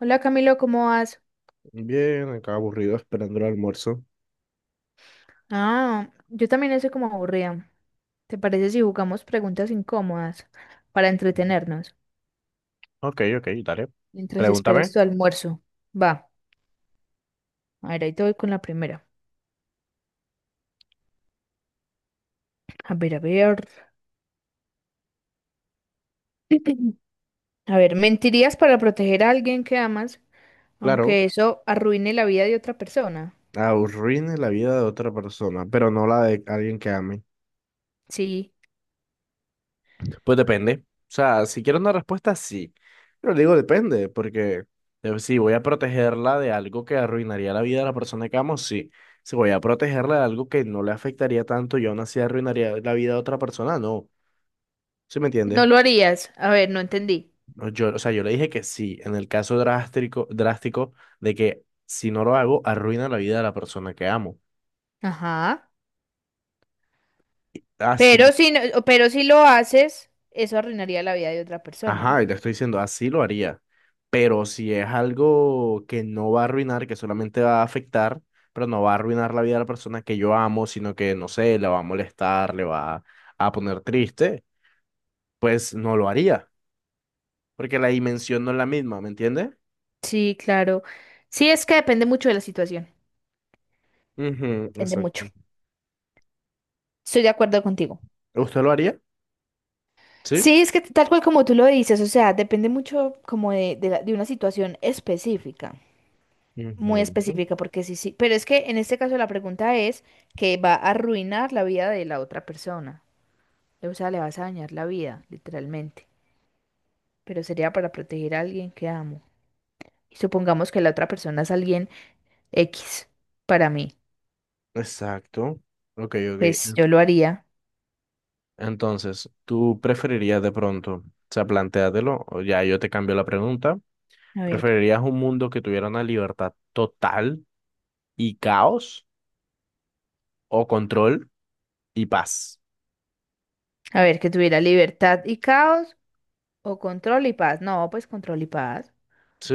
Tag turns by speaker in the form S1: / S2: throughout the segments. S1: Hola Camilo, ¿cómo vas?
S2: Bien, acá aburrido esperando el almuerzo.
S1: Ah, yo también estoy como aburrida. ¿Te parece si jugamos preguntas incómodas para entretenernos
S2: Ok, ok, dale.
S1: mientras esperas
S2: Pregúntame.
S1: tu almuerzo? Va, a ver, ahí te voy con la primera. A ver, a ver. A ver, ¿mentirías para proteger a alguien que amas,
S2: Claro,
S1: aunque eso arruine la vida de otra persona?
S2: arruine la vida de otra persona, pero no la de alguien que ame.
S1: Sí.
S2: Pues depende. O sea, si quiero una respuesta, sí. Pero digo depende, porque si voy a protegerla de algo que arruinaría la vida de la persona que amo, sí. Si voy a protegerla de algo que no le afectaría tanto y aún así arruinaría la vida de otra persona, no. ¿Sí me
S1: No
S2: entiendes?
S1: lo harías. A ver, no entendí.
S2: No, yo, o sea, yo le dije que sí, en el caso drástico de que si no lo hago, arruina la vida de la persona que amo.
S1: Ajá.
S2: Así,
S1: Pero si lo haces, eso arruinaría la vida de otra persona.
S2: ajá, y te estoy diciendo, así lo haría. Pero si es algo que no va a arruinar, que solamente va a afectar, pero no va a arruinar la vida de la persona que yo amo, sino que, no sé, le va a molestar, le va a poner triste, pues no lo haría, porque la dimensión no es la misma, ¿me entiende?
S1: Sí, claro. Sí, es que depende mucho de la situación.
S2: Ujú,
S1: Depende
S2: exacto.
S1: mucho. Estoy de acuerdo contigo.
S2: ¿Usted lo haría? Sí.
S1: Sí, es que tal cual como tú lo dices, o sea, depende mucho como de una situación específica, muy
S2: Ujú.
S1: específica, porque sí, sí, pero es que en este caso la pregunta es que va a arruinar la vida de la otra persona, o sea, le vas a dañar la vida, literalmente, pero sería para proteger a alguien que amo. Y supongamos que la otra persona es alguien X para mí,
S2: Exacto. Ok, ok.
S1: pues yo lo haría.
S2: Entonces, ¿tú preferirías de pronto, o sea, plantéatelo, o ya yo te cambio la pregunta,
S1: A ver.
S2: ¿preferirías un mundo que tuviera una libertad total y caos o control y paz?
S1: A ver, que tuviera libertad y caos o control y paz. No, pues control y paz.
S2: Sí,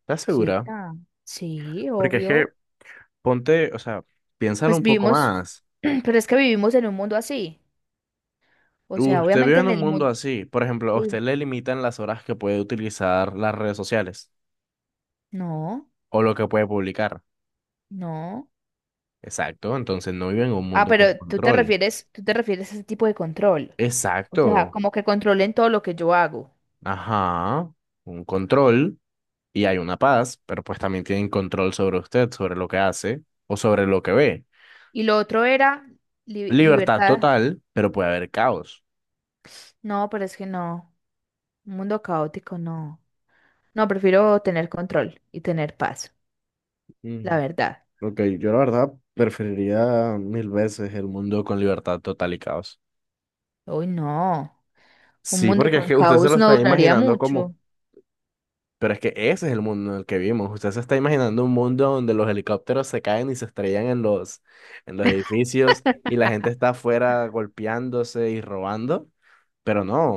S2: ¿estás
S1: Sí,
S2: segura?
S1: ah, sí,
S2: Porque es que
S1: obvio.
S2: ponte, o sea, piénsalo
S1: Pues
S2: un poco
S1: vivimos,
S2: más.
S1: pero es que vivimos en un mundo así. O sea,
S2: Usted vive
S1: obviamente
S2: en
S1: en
S2: un
S1: el
S2: mundo
S1: mundo.
S2: así, por ejemplo, a usted le limitan las horas que puede utilizar las redes sociales
S1: No,
S2: o lo que puede publicar.
S1: no.
S2: Exacto, entonces no vive en un
S1: Ah,
S2: mundo con
S1: pero
S2: control.
S1: tú te refieres a ese tipo de control. O sea,
S2: Exacto.
S1: como que controlen todo lo que yo hago.
S2: Ajá. Un control y hay una paz, pero pues también tienen control sobre usted, sobre lo que hace o sobre lo que ve.
S1: Y lo otro era
S2: Libertad
S1: libertad.
S2: total, pero puede haber caos.
S1: No, pero es que no. Un mundo caótico, no. No, prefiero tener control y tener paz, la
S2: Mm,
S1: verdad.
S2: ok, yo la verdad preferiría mil veces el mundo con libertad total y caos.
S1: Uy, no. Un
S2: Sí,
S1: mundo
S2: porque es
S1: con
S2: que usted se
S1: caos
S2: lo
S1: no
S2: está
S1: duraría
S2: imaginando como
S1: mucho.
S2: pero es que ese es el mundo en el que vivimos. Usted se está imaginando un mundo donde los helicópteros se caen y se estrellan en en los edificios y la gente está afuera golpeándose y robando. Pero no.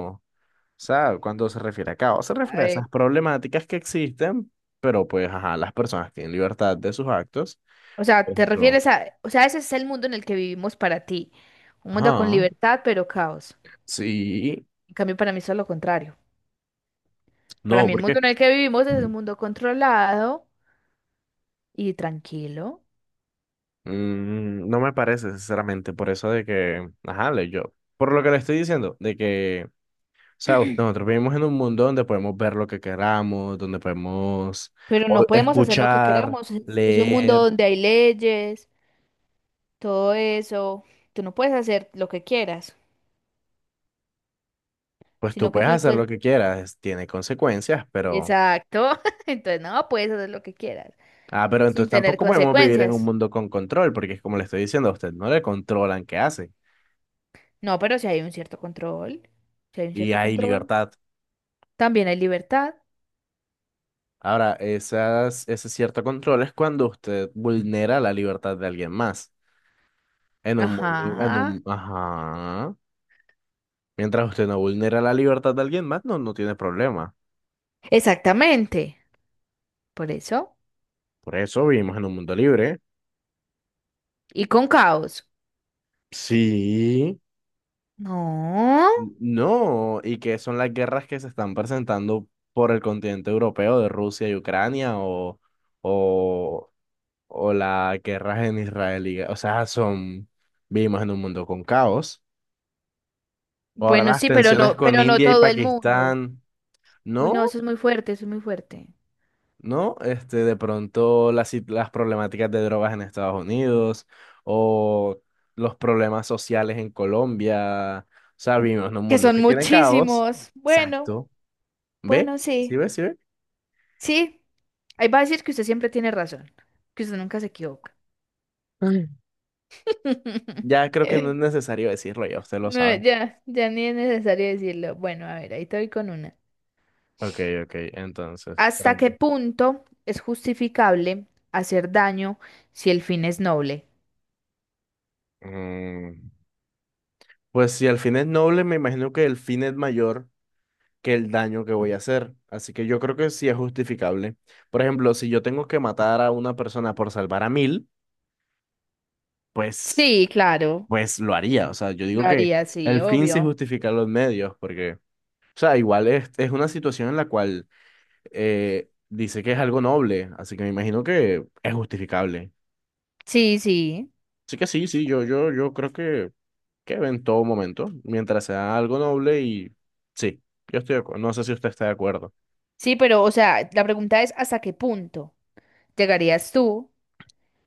S2: O sea, cuando se refiere a caos, se
S1: A
S2: refiere a
S1: ver,
S2: esas problemáticas que existen, pero pues, ajá, las personas tienen libertad de sus actos.
S1: o sea,
S2: Por
S1: te
S2: ejemplo,
S1: refieres a, o sea, ese es el mundo en el que vivimos para ti. Un mundo con
S2: ajá.
S1: libertad, pero caos.
S2: Sí.
S1: En cambio, para mí es lo contrario. Para
S2: No,
S1: mí el mundo
S2: porque
S1: en el que vivimos es un mundo controlado y tranquilo,
S2: mm, no me parece, sinceramente, por eso de que, ajá, le- yo. Por lo que le estoy diciendo, de que sea, nosotros vivimos en un mundo donde podemos ver lo que queramos, donde podemos
S1: pero
S2: o-
S1: no podemos hacer lo que
S2: escuchar,
S1: queramos. Es un mundo
S2: leer,
S1: donde hay leyes, todo eso. Tú no puedes hacer lo que quieras,
S2: pues tú
S1: sino que
S2: puedes
S1: tú...
S2: hacer lo
S1: te-
S2: que quieras, tiene consecuencias, pero...
S1: Exacto. Entonces, no, puedes hacer lo que quieras
S2: Ah, pero entonces
S1: sin tener
S2: tampoco podemos vivir en un
S1: consecuencias.
S2: mundo con control, porque es como le estoy diciendo a usted, no le controlan qué hace
S1: No, pero si hay un cierto control, si hay un
S2: y
S1: cierto
S2: hay
S1: control,
S2: libertad.
S1: también hay libertad.
S2: Ahora, esas, ese cierto control es cuando usted vulnera la libertad de alguien más. En un mundo, en un,
S1: Ajá,
S2: ajá. Mientras usted no vulnera la libertad de alguien más, no, no tiene problema.
S1: exactamente, por eso.
S2: Por eso vivimos en un mundo libre.
S1: Y con caos.
S2: Sí,
S1: No.
S2: no, y que son las guerras que se están presentando por el continente europeo de Rusia y Ucrania o, o las guerras en Israel. Y- o sea, son, vivimos en un mundo con caos. Ahora
S1: Bueno,
S2: las
S1: sí,
S2: tensiones con
S1: pero no
S2: India y
S1: todo el mundo.
S2: Pakistán.
S1: Uy,
S2: No,
S1: no, eso es muy fuerte, eso es muy fuerte.
S2: ¿no? Este, de pronto las, sit- las problemáticas de drogas en Estados Unidos o los problemas sociales en Colombia. O sea, vivimos en un
S1: Que
S2: mundo
S1: son
S2: que tiene caos.
S1: muchísimos. Bueno,
S2: Exacto. ¿Ve?
S1: bueno, sí.
S2: ¿Sí ve? ¿Sí ve?
S1: Sí, ahí va a decir que usted siempre tiene razón, que usted nunca se equivoca.
S2: Ay. Ya creo que no es necesario decirlo, ya usted lo
S1: No,
S2: sabe.
S1: ya, ya ni es necesario decirlo. Bueno, a ver, ahí estoy con una.
S2: Ok, ok, entonces.
S1: ¿Hasta
S2: Bueno,
S1: qué punto es justificable hacer daño si el fin es noble?
S2: mm, pues si el fin es noble, me imagino que el fin es mayor que el daño que voy a hacer. Así que yo creo que sí es justificable. Por ejemplo, si yo tengo que matar a una persona por salvar a mil, pues,
S1: Sí, claro.
S2: pues lo haría. O sea, yo
S1: Lo
S2: digo que
S1: haría sí,
S2: el fin sí
S1: obvio.
S2: justifica los medios, porque, o sea, igual es una situación en la cual dice que es algo noble, así que me imagino que es justificable.
S1: Sí, sí.
S2: Así que sí, sí, yo creo que en todo momento, mientras sea algo noble y sí, yo estoy de acuerdo. No sé si usted está de acuerdo.
S1: Sí, pero, o sea, la pregunta es, ¿hasta qué punto llegarías tú?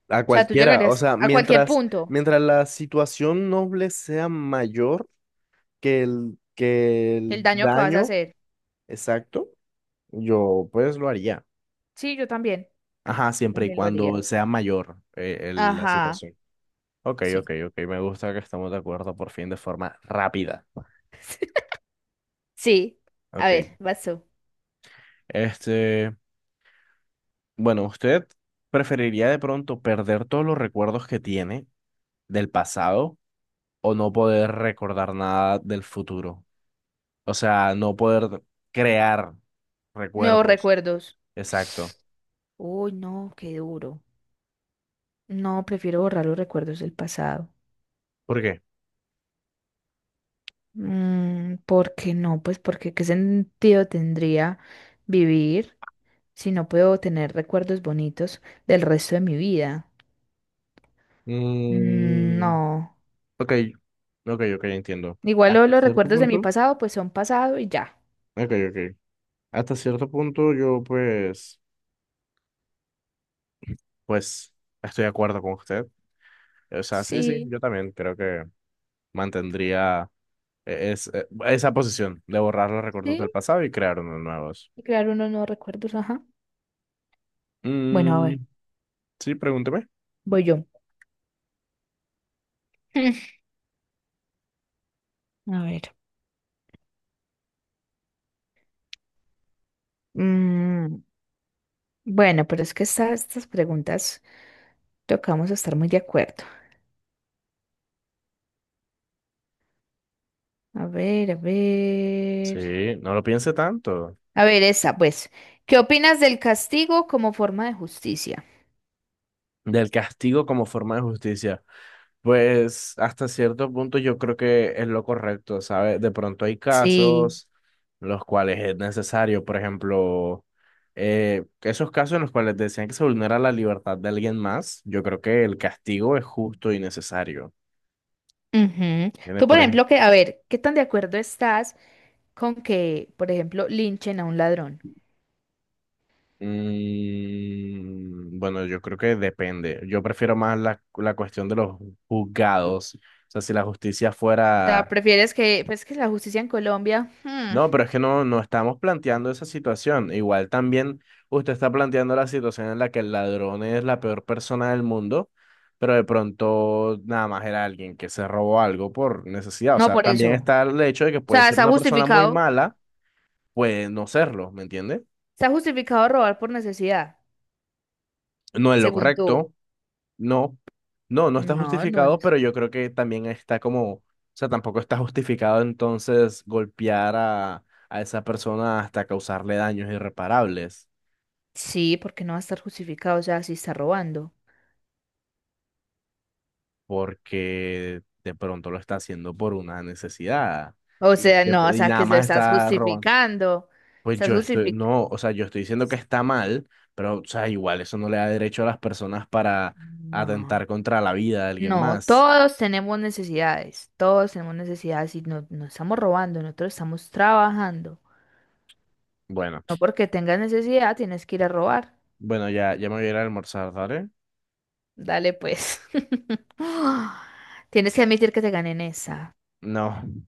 S2: A
S1: O sea, tú
S2: cualquiera, o
S1: llegarías
S2: sea,
S1: a cualquier punto,
S2: mientras la situación noble sea mayor que que el
S1: el daño que vas a
S2: daño,
S1: hacer.
S2: exacto, yo pues lo haría.
S1: Sí, yo también.
S2: Ajá,
S1: Yo
S2: siempre y
S1: también lo haría.
S2: cuando sea mayor el- la
S1: Ajá.
S2: situación. Ok,
S1: Sí.
S2: ok, ok. Me gusta que estamos de acuerdo por fin de forma rápida.
S1: Sí. A
S2: Ok.
S1: ver, vas tú.
S2: Este, bueno, ¿usted preferiría de pronto perder todos los recuerdos que tiene del pasado o no poder recordar nada del futuro? O sea, no poder crear
S1: Nuevos
S2: recuerdos.
S1: recuerdos.
S2: Exacto.
S1: Uy, no, qué duro. No, prefiero borrar los recuerdos del pasado.
S2: ¿Por qué?
S1: Mm, ¿por qué no? Pues porque qué sentido tendría vivir si no puedo tener recuerdos bonitos del resto de mi vida. Mm,
S2: Mm,
S1: no.
S2: ok, ok, ok, entiendo.
S1: Igual
S2: Hasta
S1: los
S2: cierto
S1: recuerdos de mi
S2: punto.
S1: pasado pues son pasado y ya.
S2: Ok, ok. Hasta cierto punto yo pues, pues estoy de acuerdo con usted. O sea, sí, sí,
S1: Sí,
S2: yo también creo que mantendría e- es- e- esa posición de borrar los recuerdos del
S1: sí.
S2: pasado y crear unos nuevos.
S1: Y crear unos nuevos recuerdos, ajá. Bueno, a ver,
S2: Mm, sí, pregúnteme.
S1: voy yo. A ver. Mm, bueno, pero es que estas preguntas tocamos estar muy de acuerdo. A ver, a ver.
S2: Sí, no lo piense tanto.
S1: A ver, esa, pues, ¿qué opinas del castigo como forma de justicia?
S2: Del castigo como forma de justicia. Pues hasta cierto punto yo creo que es lo correcto, ¿sabes? De pronto hay
S1: Sí.
S2: casos en los cuales es necesario, por ejemplo, esos casos en los cuales decían que se vulnera la libertad de alguien más, yo creo que el castigo es justo y necesario.
S1: Ujú.
S2: ¿Entiendes?
S1: Tú, por
S2: Por
S1: ejemplo,
S2: ejemplo,
S1: que, a ver, ¿qué tan de acuerdo estás con que, por ejemplo, linchen a un ladrón?
S2: mm, bueno, yo creo que depende. Yo prefiero más la cuestión de los juzgados. O sea, si la justicia
S1: O sea,
S2: fuera
S1: prefieres que, pues, que la justicia en Colombia, hmm,
S2: no, pero es que no, no estamos planteando esa situación. Igual también usted está planteando la situación en la que el ladrón es la peor persona del mundo, pero de pronto nada más era alguien que se robó algo por necesidad. O
S1: no
S2: sea,
S1: por eso.
S2: también
S1: O
S2: está el hecho de que puede
S1: sea,
S2: ser una persona muy mala, puede no serlo, ¿me entiende?
S1: está justificado robar por necesidad,
S2: No es lo
S1: según tú.
S2: correcto, no, no, no está
S1: No, no
S2: justificado,
S1: es.
S2: pero yo creo que también está como, o sea, tampoco está justificado entonces golpear a esa persona hasta causarle daños irreparables.
S1: Sí, porque no va a estar justificado, o sea, si está robando.
S2: Porque de pronto lo está haciendo por una necesidad
S1: O
S2: y,
S1: sea, no, o
S2: de- y
S1: sea,
S2: nada
S1: que lo
S2: más
S1: estás
S2: está robando.
S1: justificando.
S2: Pues
S1: Estás
S2: yo estoy,
S1: justificando.
S2: no, o sea, yo estoy diciendo que está mal, pero, o sea, igual eso no le da derecho a las personas para atentar
S1: No.
S2: contra la vida de alguien
S1: No,
S2: más.
S1: todos tenemos necesidades y no, no estamos robando, nosotros estamos trabajando.
S2: Bueno,
S1: No porque tengas necesidad tienes que ir a robar.
S2: bueno, ya, ya me voy a ir a almorzar, ¿vale?
S1: Dale pues. Tienes que admitir que te gané en esa.
S2: No.